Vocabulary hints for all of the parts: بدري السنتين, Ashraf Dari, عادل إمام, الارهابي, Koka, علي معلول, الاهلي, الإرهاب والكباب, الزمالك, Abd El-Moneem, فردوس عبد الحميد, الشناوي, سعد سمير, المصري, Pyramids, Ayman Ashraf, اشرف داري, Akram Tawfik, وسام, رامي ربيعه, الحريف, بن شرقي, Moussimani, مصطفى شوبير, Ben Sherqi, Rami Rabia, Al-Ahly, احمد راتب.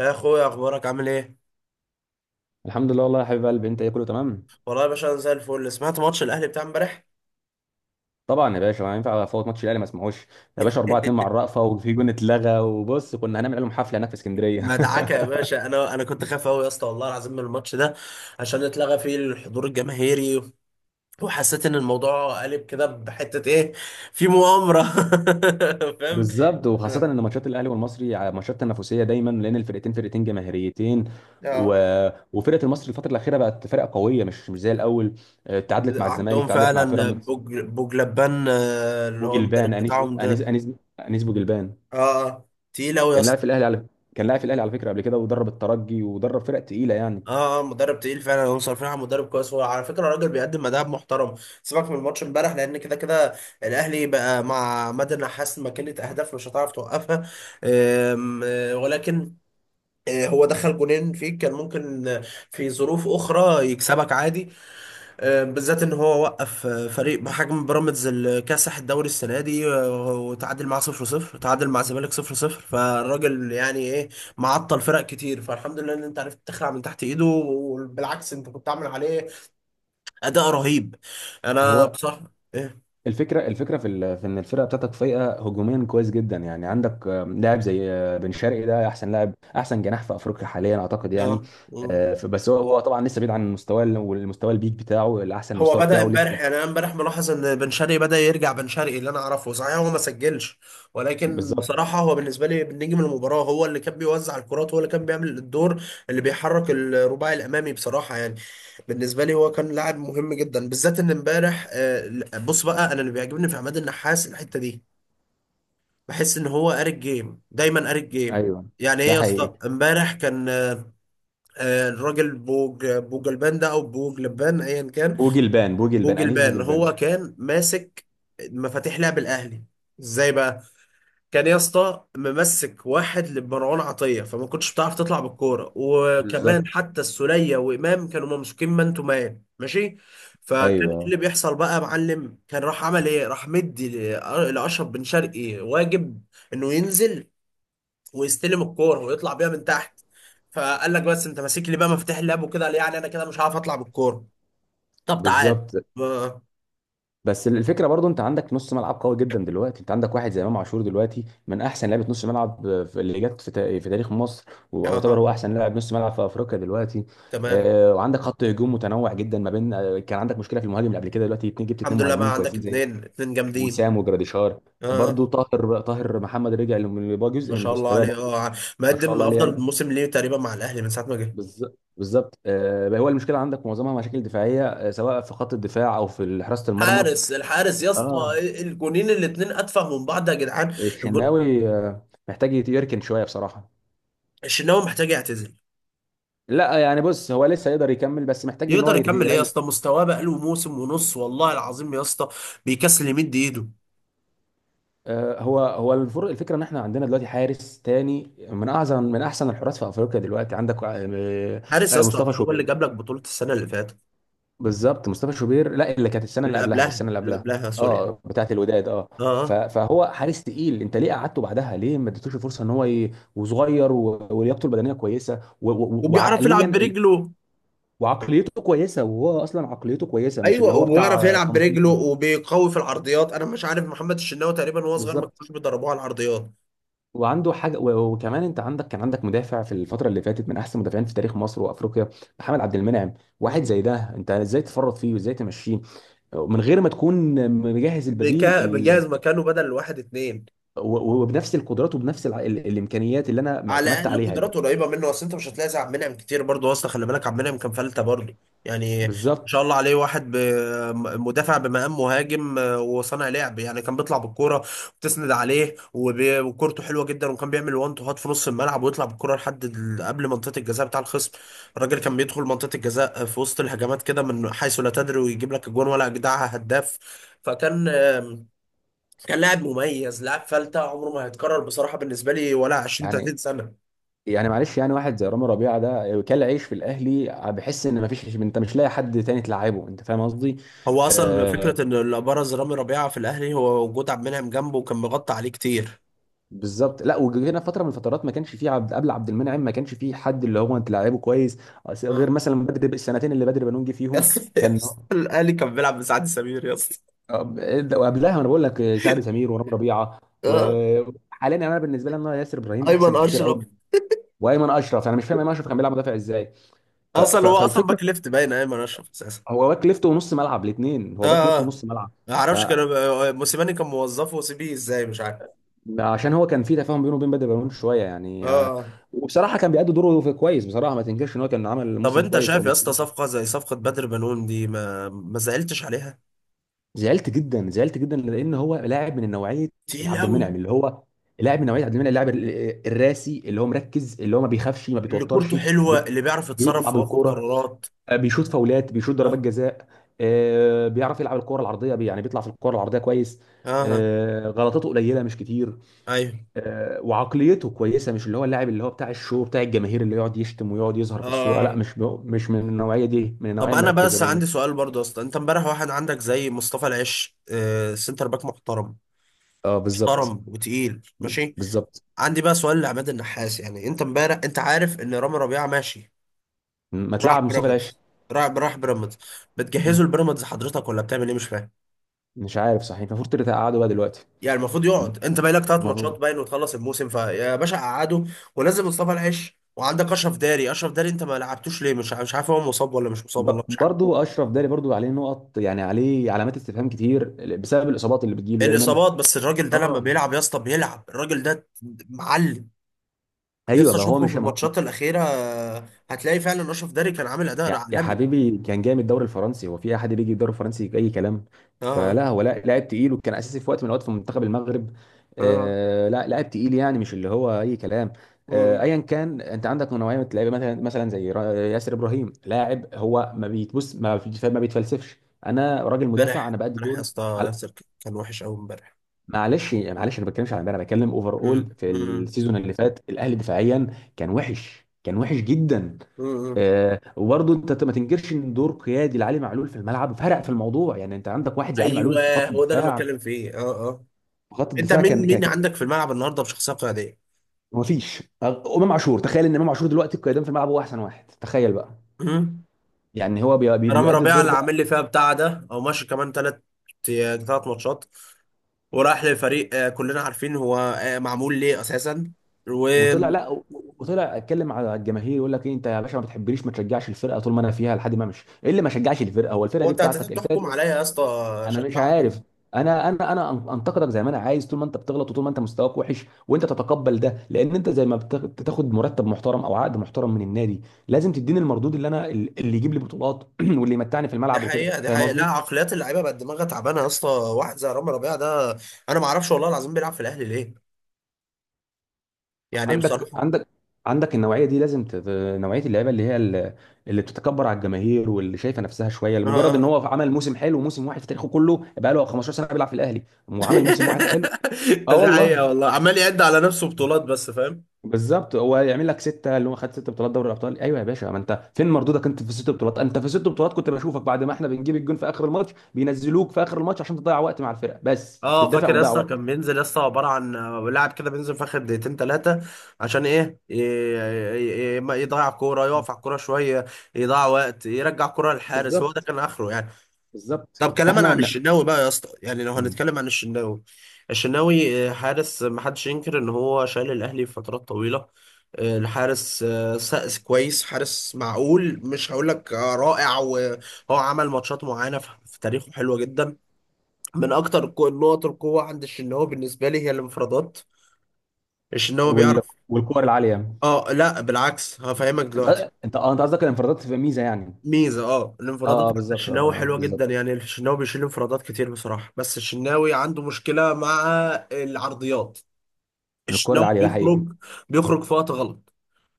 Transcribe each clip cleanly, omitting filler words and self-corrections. يا اخويا، اخبارك عامل ايه؟ الحمد لله، والله يا حبيب قلبي. انت ايه؟ كله تمام. والله يا باشا انا زي الفل. سمعت ماتش الاهلي بتاع امبارح. طبعا يا باشا، ما ينفع افوت ماتش الاهلي ما اسمعوش. يا باشا 4-2 مع الرأفة، وفي جون اتلغى، وبص كنا هنعمل لهم حفله هناك في اسكندريه. مدعكه يا باشا. انا كنت خايف قوي يا اسطى والله العظيم من الماتش ده، عشان اتلغى فيه الحضور الجماهيري، وحسيت ان الموضوع قلب كده بحته. ايه؟ في مؤامره. فاهم؟ بالظبط، وخاصه آه، ان ماتشات الاهلي والمصري ماتشات تنافسيه دايما لان الفرقتين فرقتين جماهيريتين. و... آه. وفرقه المصري الفتره الاخيره بقت فرقه قويه، مش زي الاول. اه، تعادلت مع الزمالك، عندهم تعادلت مع فعلا بيراميدز. بوجلبان، اللي هو المدرب بوجلبان انيس بتاعهم انيس ده. انيس انيس بوجلبان. اه، آه. تقيل قوي يا كان لاعب اسطى. في الاهلي على كان لاعب في الاهلي على فكره قبل كده، ودرب الترجي ودرب فرق تقيله يعني. اه، مدرب تقيل فعلا. هم صارفين على مدرب كويس. هو على فكره الراجل بيقدم اداء محترم. سيبك من الماتش امبارح، لان كده كده الاهلي بقى مع مدى النحاس ماكينه اهداف مش هتعرف توقفها. آم، آه، ولكن هو دخل جونين فيك، كان ممكن في ظروف اخرى يكسبك عادي. بالذات ان هو وقف فريق بحجم بيراميدز الكاسح الدوري السنه دي، وتعادل معاه 0-0، تعادل مع الزمالك 0-0. فالراجل يعني ايه؟ معطل فرق كتير. فالحمد لله ان انت عرفت تخلع من تحت ايده. وبالعكس، انت كنت عامل عليه اداء رهيب. انا هو بصراحه ايه، الفكره في ان الفرقه بتاعتك فايقه هجوميا كويس جدا. يعني عندك لاعب زي بن شرقي، ده احسن لاعب، احسن جناح في افريقيا حاليا اعتقد يعني. اه، بس هو طبعا لسه بعيد عن والمستوى البيك بتاعه، الاحسن هو مستوى بدأ بتاعه امبارح. لسه. يعني انا امبارح ملاحظ ان بن شرقي بدأ يرجع بن شرقي اللي انا اعرفه. صحيح هو ما سجلش، ولكن بالظبط، بصراحة هو بالنسبة لي نجم المباراة. هو اللي كان بيوزع الكرات، هو اللي كان بيعمل الدور اللي بيحرك الرباعي الامامي. بصراحة يعني بالنسبة لي هو كان لاعب مهم جدا، بالذات ان امبارح. بص بقى، انا اللي بيعجبني في عماد النحاس الحتة دي، بحس ان هو قاري الجيم دايما، قاري الجيم. ايوه، يعني ايه ده يا حقيقي. اسطى؟ امبارح كان الراجل بوج البان ده، او بوج لبان ايا كان، بوجلبان انيس بوجلبان. بوجلبان. هو كان ماسك مفاتيح لعب الاهلي. ازاي بقى؟ كان يا اسطى ممسك واحد لمروان عطيه، فما كنتش بتعرف تطلع بالكوره. وكمان بالظبط، حتى السوليه وامام كانوا ممسوكين مان تو مان، ماشي؟ فكان إيه اللي ايوه، بيحصل بقى يا معلم؟ كان راح عمل ايه؟ راح مدي لاشرف بن شرقي واجب انه ينزل ويستلم الكوره ويطلع بيها من تحت. فقال لك بس انت ماسك لي بقى مفاتيح اللعب وكده، قال يعني انا كده مش هعرف اطلع بالكوره. طب تعال. بالظبط. ما- بس الفكره برضو، انت عندك نص ملعب قوي جدا دلوقتي. انت عندك واحد زي امام عاشور دلوقتي، من احسن لعيبه نص ملعب اللي جت في تاريخ مصر، ويعتبر اها، هو احسن لاعب نص ملعب في افريقيا دلوقتي. تمام. وعندك خط هجوم متنوع جدا، ما بين كان عندك مشكله في المهاجم اللي قبل كده، دلوقتي اتنين، جبت اتنين الحمد لله، مهاجمين بقى عندك كويسين زي اتنين، اتنين جامدين. وسام وجراديشار. اه، برضو طاهر محمد رجع اللي بقى جزء ما من شاء الله مستواه عليه. برضو. اه، ما شاء مقدم الله عليه افضل يعني. موسم ليه تقريبا مع الاهلي من ساعه ما جه. بالظبط بالظبط، هو المشكله عندك معظمها مشاكل دفاعيه، سواء في خط الدفاع او في حراسه المرمى. حارس، الحارس يا اسطى! اه، الجونين الاتنين اتفه من بعض يا جدعان. الجون- الشناوي محتاج يركن شويه بصراحه. الشناوي محتاج يعتزل. لا، يعني بص، هو لسه يقدر يكمل، بس محتاج ان هو يقدر يكمل ايه يا يريح. اسطى؟ مستواه بقاله موسم ونص والله العظيم يا اسطى. بيكسل يمد ايده. هو الفكره ان احنا عندنا دلوقتي حارس تاني من اعظم، من احسن الحراس في افريقيا دلوقتي. عندك حارس يا اسطى، مصطفى هو اللي شوبير. جاب لك بطوله السنه اللي فاتت. بالظبط، مصطفى شوبير. لا، اللي كانت السنه اللي اللي قبلها، قبلها، السنه اللي اللي قبلها. قبلها، سوري. اه، بتاعت الوداد، اه. اه، آه. فهو حارس تقيل، انت ليه قعدته بعدها؟ ليه ما اديتوش الفرصه؟ ان هو وصغير، ولياقته البدنيه كويسه، وبيعرف يلعب وعقليا، برجله. وعقليته كويسه، وهو اصلا عقليته كويسه، مش اللي ايوه، هو بتاع وبيعرف يلعب تنطيط برجله وبيقوي في العرضيات. انا مش عارف محمد الشناوي تقريبا وهو صغير ما بالظبط، كانوش بيدربوه على العرضيات. وعنده حاجه، وكمان انت عندك كان عندك مدافع في الفتره اللي فاتت، من احسن مدافعين في تاريخ مصر وافريقيا. محمد عبد المنعم. واحد مم. زي ده، انت ازاي تفرط فيه وازاي تمشيه من غير ما تكون مجهز البديل بيجهز مكانه بدل واحد اتنين. وبنفس القدرات وبنفس الامكانيات اللي انا على اعتمدت الاقل عليها. قدراته قريبه منه. اصل انت مش هتلاقي زي عبد المنعم كتير برضه. اصلا خلي بالك، عبد المنعم كان فلته برضه. يعني ما بالظبط. شاء الله عليه. واحد مدافع بمقام مهاجم، وصانع لعب. يعني كان بيطلع بالكوره وتسند عليه، وكورته حلوه جدا، وكان بيعمل وان تو هات في نص الملعب ويطلع بالكوره لحد قبل منطقه الجزاء بتاع الخصم. الراجل كان بيدخل منطقه الجزاء في وسط الهجمات كده من حيث لا تدري، ويجيب لك اجوان، ولا اجدعها هداف. فكان كان لاعب مميز، لاعب فلته عمره ما هيتكرر بصراحه بالنسبه لي ولا 20 يعني 30 سنه. يعني معلش، يعني واحد زي رامي ربيعه ده، كل عيش في الاهلي. بحس ان ما فيش، انت مش لاقي حد تاني تلعبه، انت فاهم قصدي. هو اصلا آه، فكره ان اللي ابرز رامي ربيعه في الاهلي هو وجود عبد المنعم جنبه، وكان مغطى عليه كتير. بالظبط. لا، وجينا فتره من الفترات ما كانش فيه عبد، قبل عبد المنعم ما كانش فيه حد اللي هو انت لعيبه كويس، اه. غير مثلا بدري، السنتين اللي بدري بنون جه يا فيهم. اسطى، يا كان، اسطى، الاهلي كان بيلعب بسعد سمير يا اسطى! وقبلها انا بقول لك سعد سمير ورام ربيعه. آه، وحاليا انا بالنسبه لي ان أنا ياسر ابراهيم احسن ايمن كتير قوي اشرف. من وايمن اشرف. انا مش فاهم ايمن اشرف كان بيلعب مدافع ازاي. اصلا هو اصلا فالفكره، باك ليفت باين، ايمن اشرف اساسا. هو باك ليفت ونص ملعب، الاثنين، اه، هو باك ليفت اه. ونص ملعب. ما اعرفش، كان موسيماني كان موظفه وسيبيه ازاي، مش عارف. فعشان هو كان في تفاهم بينه وبين بدري بنون شويه اه، يعني. آه. وبصراحه كان بيأدي دوره في كويس بصراحه، ما تنكرش ان هو كان عمل طب موسم انت كويس او شايف يا اسطى موسم. صفقه زي صفقه بدر بنون دي؟ ما زعلتش عليها؟ زعلت جدا، زعلت جدا، لان هو لاعب من نوعيه تقيل عبد قوي. المنعم، اللي هو لاعب من نوعيه عبد المنعم، اللاعب الراسي، اللي هو مركز، اللي هو ما بيخافش، ما اللي كورته بيتوترش. حلوه، بي- اللي بيعرف بيطلع يتصرف وياخد بالكوره، قرارات. بيشوط فاولات، بيشوط اه، ضربات جزاء. بيعرف يلعب الكوره العرضيه، يعني بيطلع في الكوره العرضيه كويس. اه. غلطاته قليله مش كتير. ايوه. وعقليته كويسه، مش اللي هو اللاعب اللي هو بتاع الشو، بتاع الجماهير، اللي يقعد يشتم ويقعد يظهر في الصوره، لا. اه. مش من النوعيه دي، من النوعيه طب انا المركزه بس دايما. عندي سؤال برضه. اصلا انت امبارح واحد عندك زي مصطفى العش، سنتر باك محترم، اه، بالظبط. محترم وتقيل، ماشي. بالظبط. عندي بقى سؤال لعماد النحاس. يعني انت امبارح انت عارف ان رامي ربيعه ماشي، ما راح تلعب مصطفى العش. بيراميدز، راح بيراميدز. مم. بتجهزه لبيراميدز حضرتك، ولا بتعمل ايه؟ مش فاهم. مش عارف صحيح، المفروض تلاتة قعدوا بقى دلوقتي، يعني المفروض يقعد، انت باقي لك ثلاث المفروض. ماتشات باين وتخلص الموسم. فيا باشا قعده، ونزل مصطفى العش. وعندك اشرف داري، اشرف داري انت ما لعبتوش ليه؟ مش عارف هو مصاب ولا مش مصاب، والله مش عارف. برضو اشرف داري، برضو عليه نقط يعني، عليه علامات استفهام كتير بسبب الاصابات اللي بتجيله دايما. الاصابات. بس الراجل ده لما اه. بيلعب يا اسطى، بيلعب الراجل ده، معلم. يا ايوه اسطى بقى، هو شوفه في مش. الماتشات الاخيره، هتلاقي فعلا اشرف داري كان عامل اداء يا عالمي. حبيبي، كان جاي من الدوري الفرنسي، هو في احد بيجي الدوري الفرنسي اي كلام؟ اه، فلا، هو لا لاعب تقيل، وكان اساسي في وقت من الاوقات في منتخب المغرب. اه. آه، لا، لاعب تقيل يعني، مش اللي هو اي كلام. آه، مم. ايا كان، انت عندك نوعيه من اللعيبه، مثلا زي ياسر ابراهيم، لاعب هو ما بيتبص، ما بيتفلسفش، انا راجل مدافع، امبارح، انا بأدي امبارح يا دور. اسطى عل- ياسر كان وحش قوي امبارح. معلش معلش، انا ما بتكلمش عن امبارح، انا بتكلم اوفر مم. اول، في مم. السيزون اللي فات الاهلي دفاعيا كان وحش، كان وحش جدا. مم. وبرضه انت ما تنكرش ان دور قيادي لعلي معلول في الملعب فرق في الموضوع يعني. انت عندك واحد زي علي معلول في ايوه، خط هو ده اللي أنا الدفاع، بتكلم فيه. اه، اه. في خط انت الدفاع. مين، مين عندك في الملعب النهارده بشخصيه قياديه؟ ما فيش امام عاشور، تخيل ان امام عاشور دلوقتي القيادان في الملعب، هو احسن واحد، تخيل بقى. مم. يعني هو رامي بيؤدي ربيعه الدور اللي ده. عامل لي فيها بتاع ده، او ماشي كمان ثلاث ماتشات، وراح لفريق كلنا عارفين هو معمول ليه اساسا. وهو، وطلع، لا. وطلع اتكلم على الجماهير، يقول لك ايه؟ انت يا باشا ما بتحبنيش، ما تشجعش الفرقه طول ما انا فيها لحد ما امشي. ايه اللي ما شجعش الفرقه؟ هو الفرقه دي انت هتقدر بتاعتك، الفرقه تحكم دي. عليا يا اسطى، انا مش شجاع عارف. قوي. انتقدك زي ما انا عايز، طول ما انت بتغلط وطول ما انت مستواك وحش، وانت تتقبل ده، لان انت زي ما بتاخد مرتب محترم او عقد محترم من النادي، لازم تديني المردود، اللي انا اللي يجيب لي بطولات واللي يمتعني في دي الملعب وكده، حقيقه، دي فاهم حقيقه. لا، قصدي. عقليات اللعيبه بقت دماغها تعبانه يا اسطى. واحد زي رامي ربيعه ده، انا ما اعرفش والله العظيم بيلعب في الاهلي ليه، يعني عندك بصراحه. عندك عندك النوعيه دي لازم نوعيه اللعيبه، اللي هي اللي بتتكبر على الجماهير، واللي شايفه نفسها شويه لمجرد ان اه. هو عمل موسم حلو، وموسم واحد في تاريخه كله، بقى له 15 سنه بيلعب في الاهلي وعمل موسم واحد حلو. اه، دي والله. حقيقه والله، عمال يعد على نفسه بطولات بس، فاهم. بالظبط، هو يعمل لك سته اللي هو خد ست بطولات دوري الابطال؟ ايوه يا باشا، ما انت فين مردودك؟ انت في الست بطولات، انت في الست بطولات كنت بشوفك بعد ما احنا بنجيب الجون في اخر الماتش بينزلوك في اخر الماتش، عشان تضيع وقت مع الفرقه بس، اه، بتدافع فاكر يا وتضيع اسطى، وقت. كان بينزل يا اسطى عباره عن لاعب كده بينزل في اخر دقيقتين ثلاثه. عشان ايه؟ ما يضيع كوره، يقف على الكوره شويه، يضيع وقت، يرجع كوره للحارس. هو ده بالظبط كان اخره يعني. بالظبط، طب كلاما فاحنا عن الشناوي بقى يا اسطى، يعني لو مم. هنتكلم عن الشناوي، الشناوي حارس ما حدش ينكر ان هو شايل الاهلي فترات طويله. الحارس سقس كويس، حارس معقول، مش هقول لك رائع. وهو عمل ماتشات معينه في في تاريخه حلوه جدا. من اكتر النقط القوه عند الشناوي بالنسبه لي هي الانفرادات. الشناوي وال... بيعرف. والكور العاليه. اه، لا بالعكس، هفهمك دلوقتي. انت انت قصدك الانفرادات تبقى ميزه يعني. ميزه، اه، الانفرادات اه اه، عند بالظبط، اه، الشناوي حلوه بالظبط. جدا. يعني الشناوي بيشيل انفرادات كتير بصراحه. بس الشناوي عنده مشكله مع العرضيات. الكور الشناوي العاليه ده حقيقي. بيخرج، بيخرج في وقت غلط،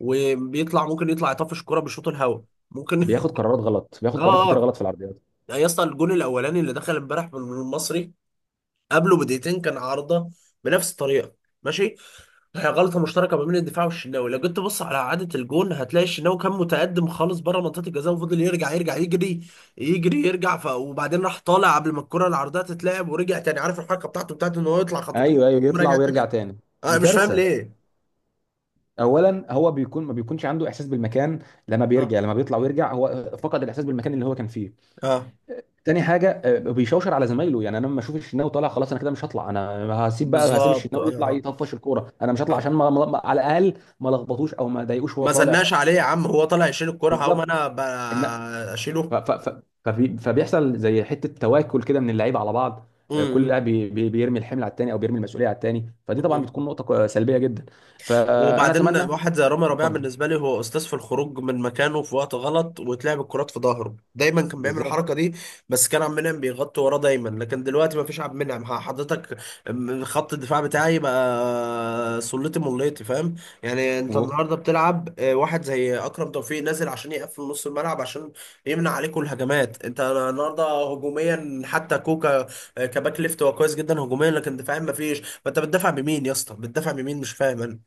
وبيطلع ممكن يطلع يطفش الكرة بشوط الهوا، ممكن. بياخد قرارات غلط، بياخد قرارات اه، كتير اه. غلط في العرضيات. يعني يا اسطى الجون الاولاني اللي دخل امبارح من المصري، قبله بدقيقتين كان عارضه بنفس الطريقه، ماشي؟ هي غلطة مشتركة ما بين الدفاع والشناوي. لو جيت تبص على إعادة الجون، هتلاقي الشناوي كان متقدم خالص بره منطقة الجزاء، وفضل يرجع، يرجع، يجري، يجري، يرجع. وبعدين راح طالع قبل ما الكرة العرضية تتلعب، ورجع تاني. عارف الحركة بتاعته، بتاعت إن هو يطلع خطوتين ايوه ايوه، يطلع وراجع ويرجع تاني. تاني. أنا دي مش فاهم كارثه. ليه. اولا هو ما بيكونش عنده احساس بالمكان، اه، لما بيطلع ويرجع هو فقد الاحساس بالمكان اللي هو كان فيه. اه، تاني حاجه، بيشوشر على زمايله. يعني انا لما اشوف الشناوي طالع خلاص، انا كده مش هطلع، انا هسيب بالظبط، اه، الشناوي يطلع اه، يطفش الكوره، انا مش هطلع، آه. عشان على الاقل ما لخبطوش او ما ضايقوش وهو ما طالع. زلناش عليه يا عم، هو طالع يشيل الكرة، هقوم بالظبط أنا ان. أشيله. فبيحصل زي حته تواكل كده من اللعيبه على بعض. كل امم. لاعب بيرمي الحمل على التاني، او بيرمي المسؤوليه على التاني. فدي إمم، طبعا إمم. بتكون نقطه سلبيه جدا. فانا وبعدين اتمنى. واحد زي رامي ربيعة اتفضل. بالنسبة لي هو أستاذ في الخروج من مكانه في وقت غلط، وتلعب الكرات في ظهره. دايما كان بيعمل الحركة بالظبط دي، بس كان عبد المنعم بيغطي وراه دايما. لكن دلوقتي ما فيش عبد المنعم، حضرتك، خط الدفاع بتاعي بقى سلتي مليتي، فاهم؟ يعني أنت النهاردة بتلعب واحد زي أكرم توفيق نازل عشان يقفل نص الملعب، عشان يمنع عليكم الهجمات. أنت النهاردة هجوميا، حتى كوكا كباك ليفت هو كويس جدا هجوميا، لكن دفاعيا ما فيش. فأنت بتدافع بمين يا اسطى؟ بتدافع بمين؟ مش فاهم أنا.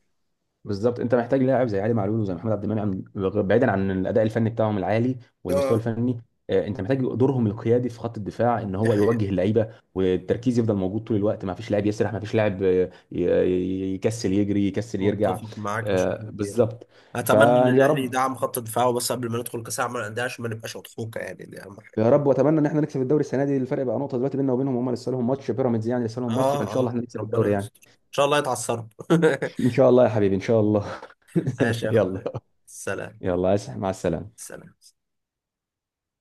بالظبط، انت محتاج لاعب زي علي معلول وزي محمد عبد المنعم، بعيدا عن الاداء الفني بتاعهم العالي والمستوى اه، الفني. انت محتاج دورهم القيادي في خط الدفاع، ان دي هو حقيقة، يوجه اللعيبه، والتركيز يفضل موجود طول الوقت، ما فيش لاعب يسرح، ما فيش لاعب يكسل يجري، يكسل يرجع. متفق معاك بشكل كبير. بالظبط. اتمنى ان فيا الاهلي رب، يدعم خط دفاعه بس قبل ما ندخل كاس العالم للانديه، عشان ما نبقاش اضحوكه. يعني دي اهم حاجه. يا رب، واتمنى ان احنا نكسب الدوري السنه دي، الفرق بقى نقطه دلوقتي بيننا وبينهم، هم لسه لهم ماتش بيراميدز يعني، لسه لهم ماتش، فان اه، شاء الله اه. احنا نكسب الدوري ربنا يعني. يستر ان شاء الله يتعثروا. ان شاء الله يا حبيبي، ان شاء الله. ماشي يا يلا. اخويا، سلام. يلا مع السلامه. سلام.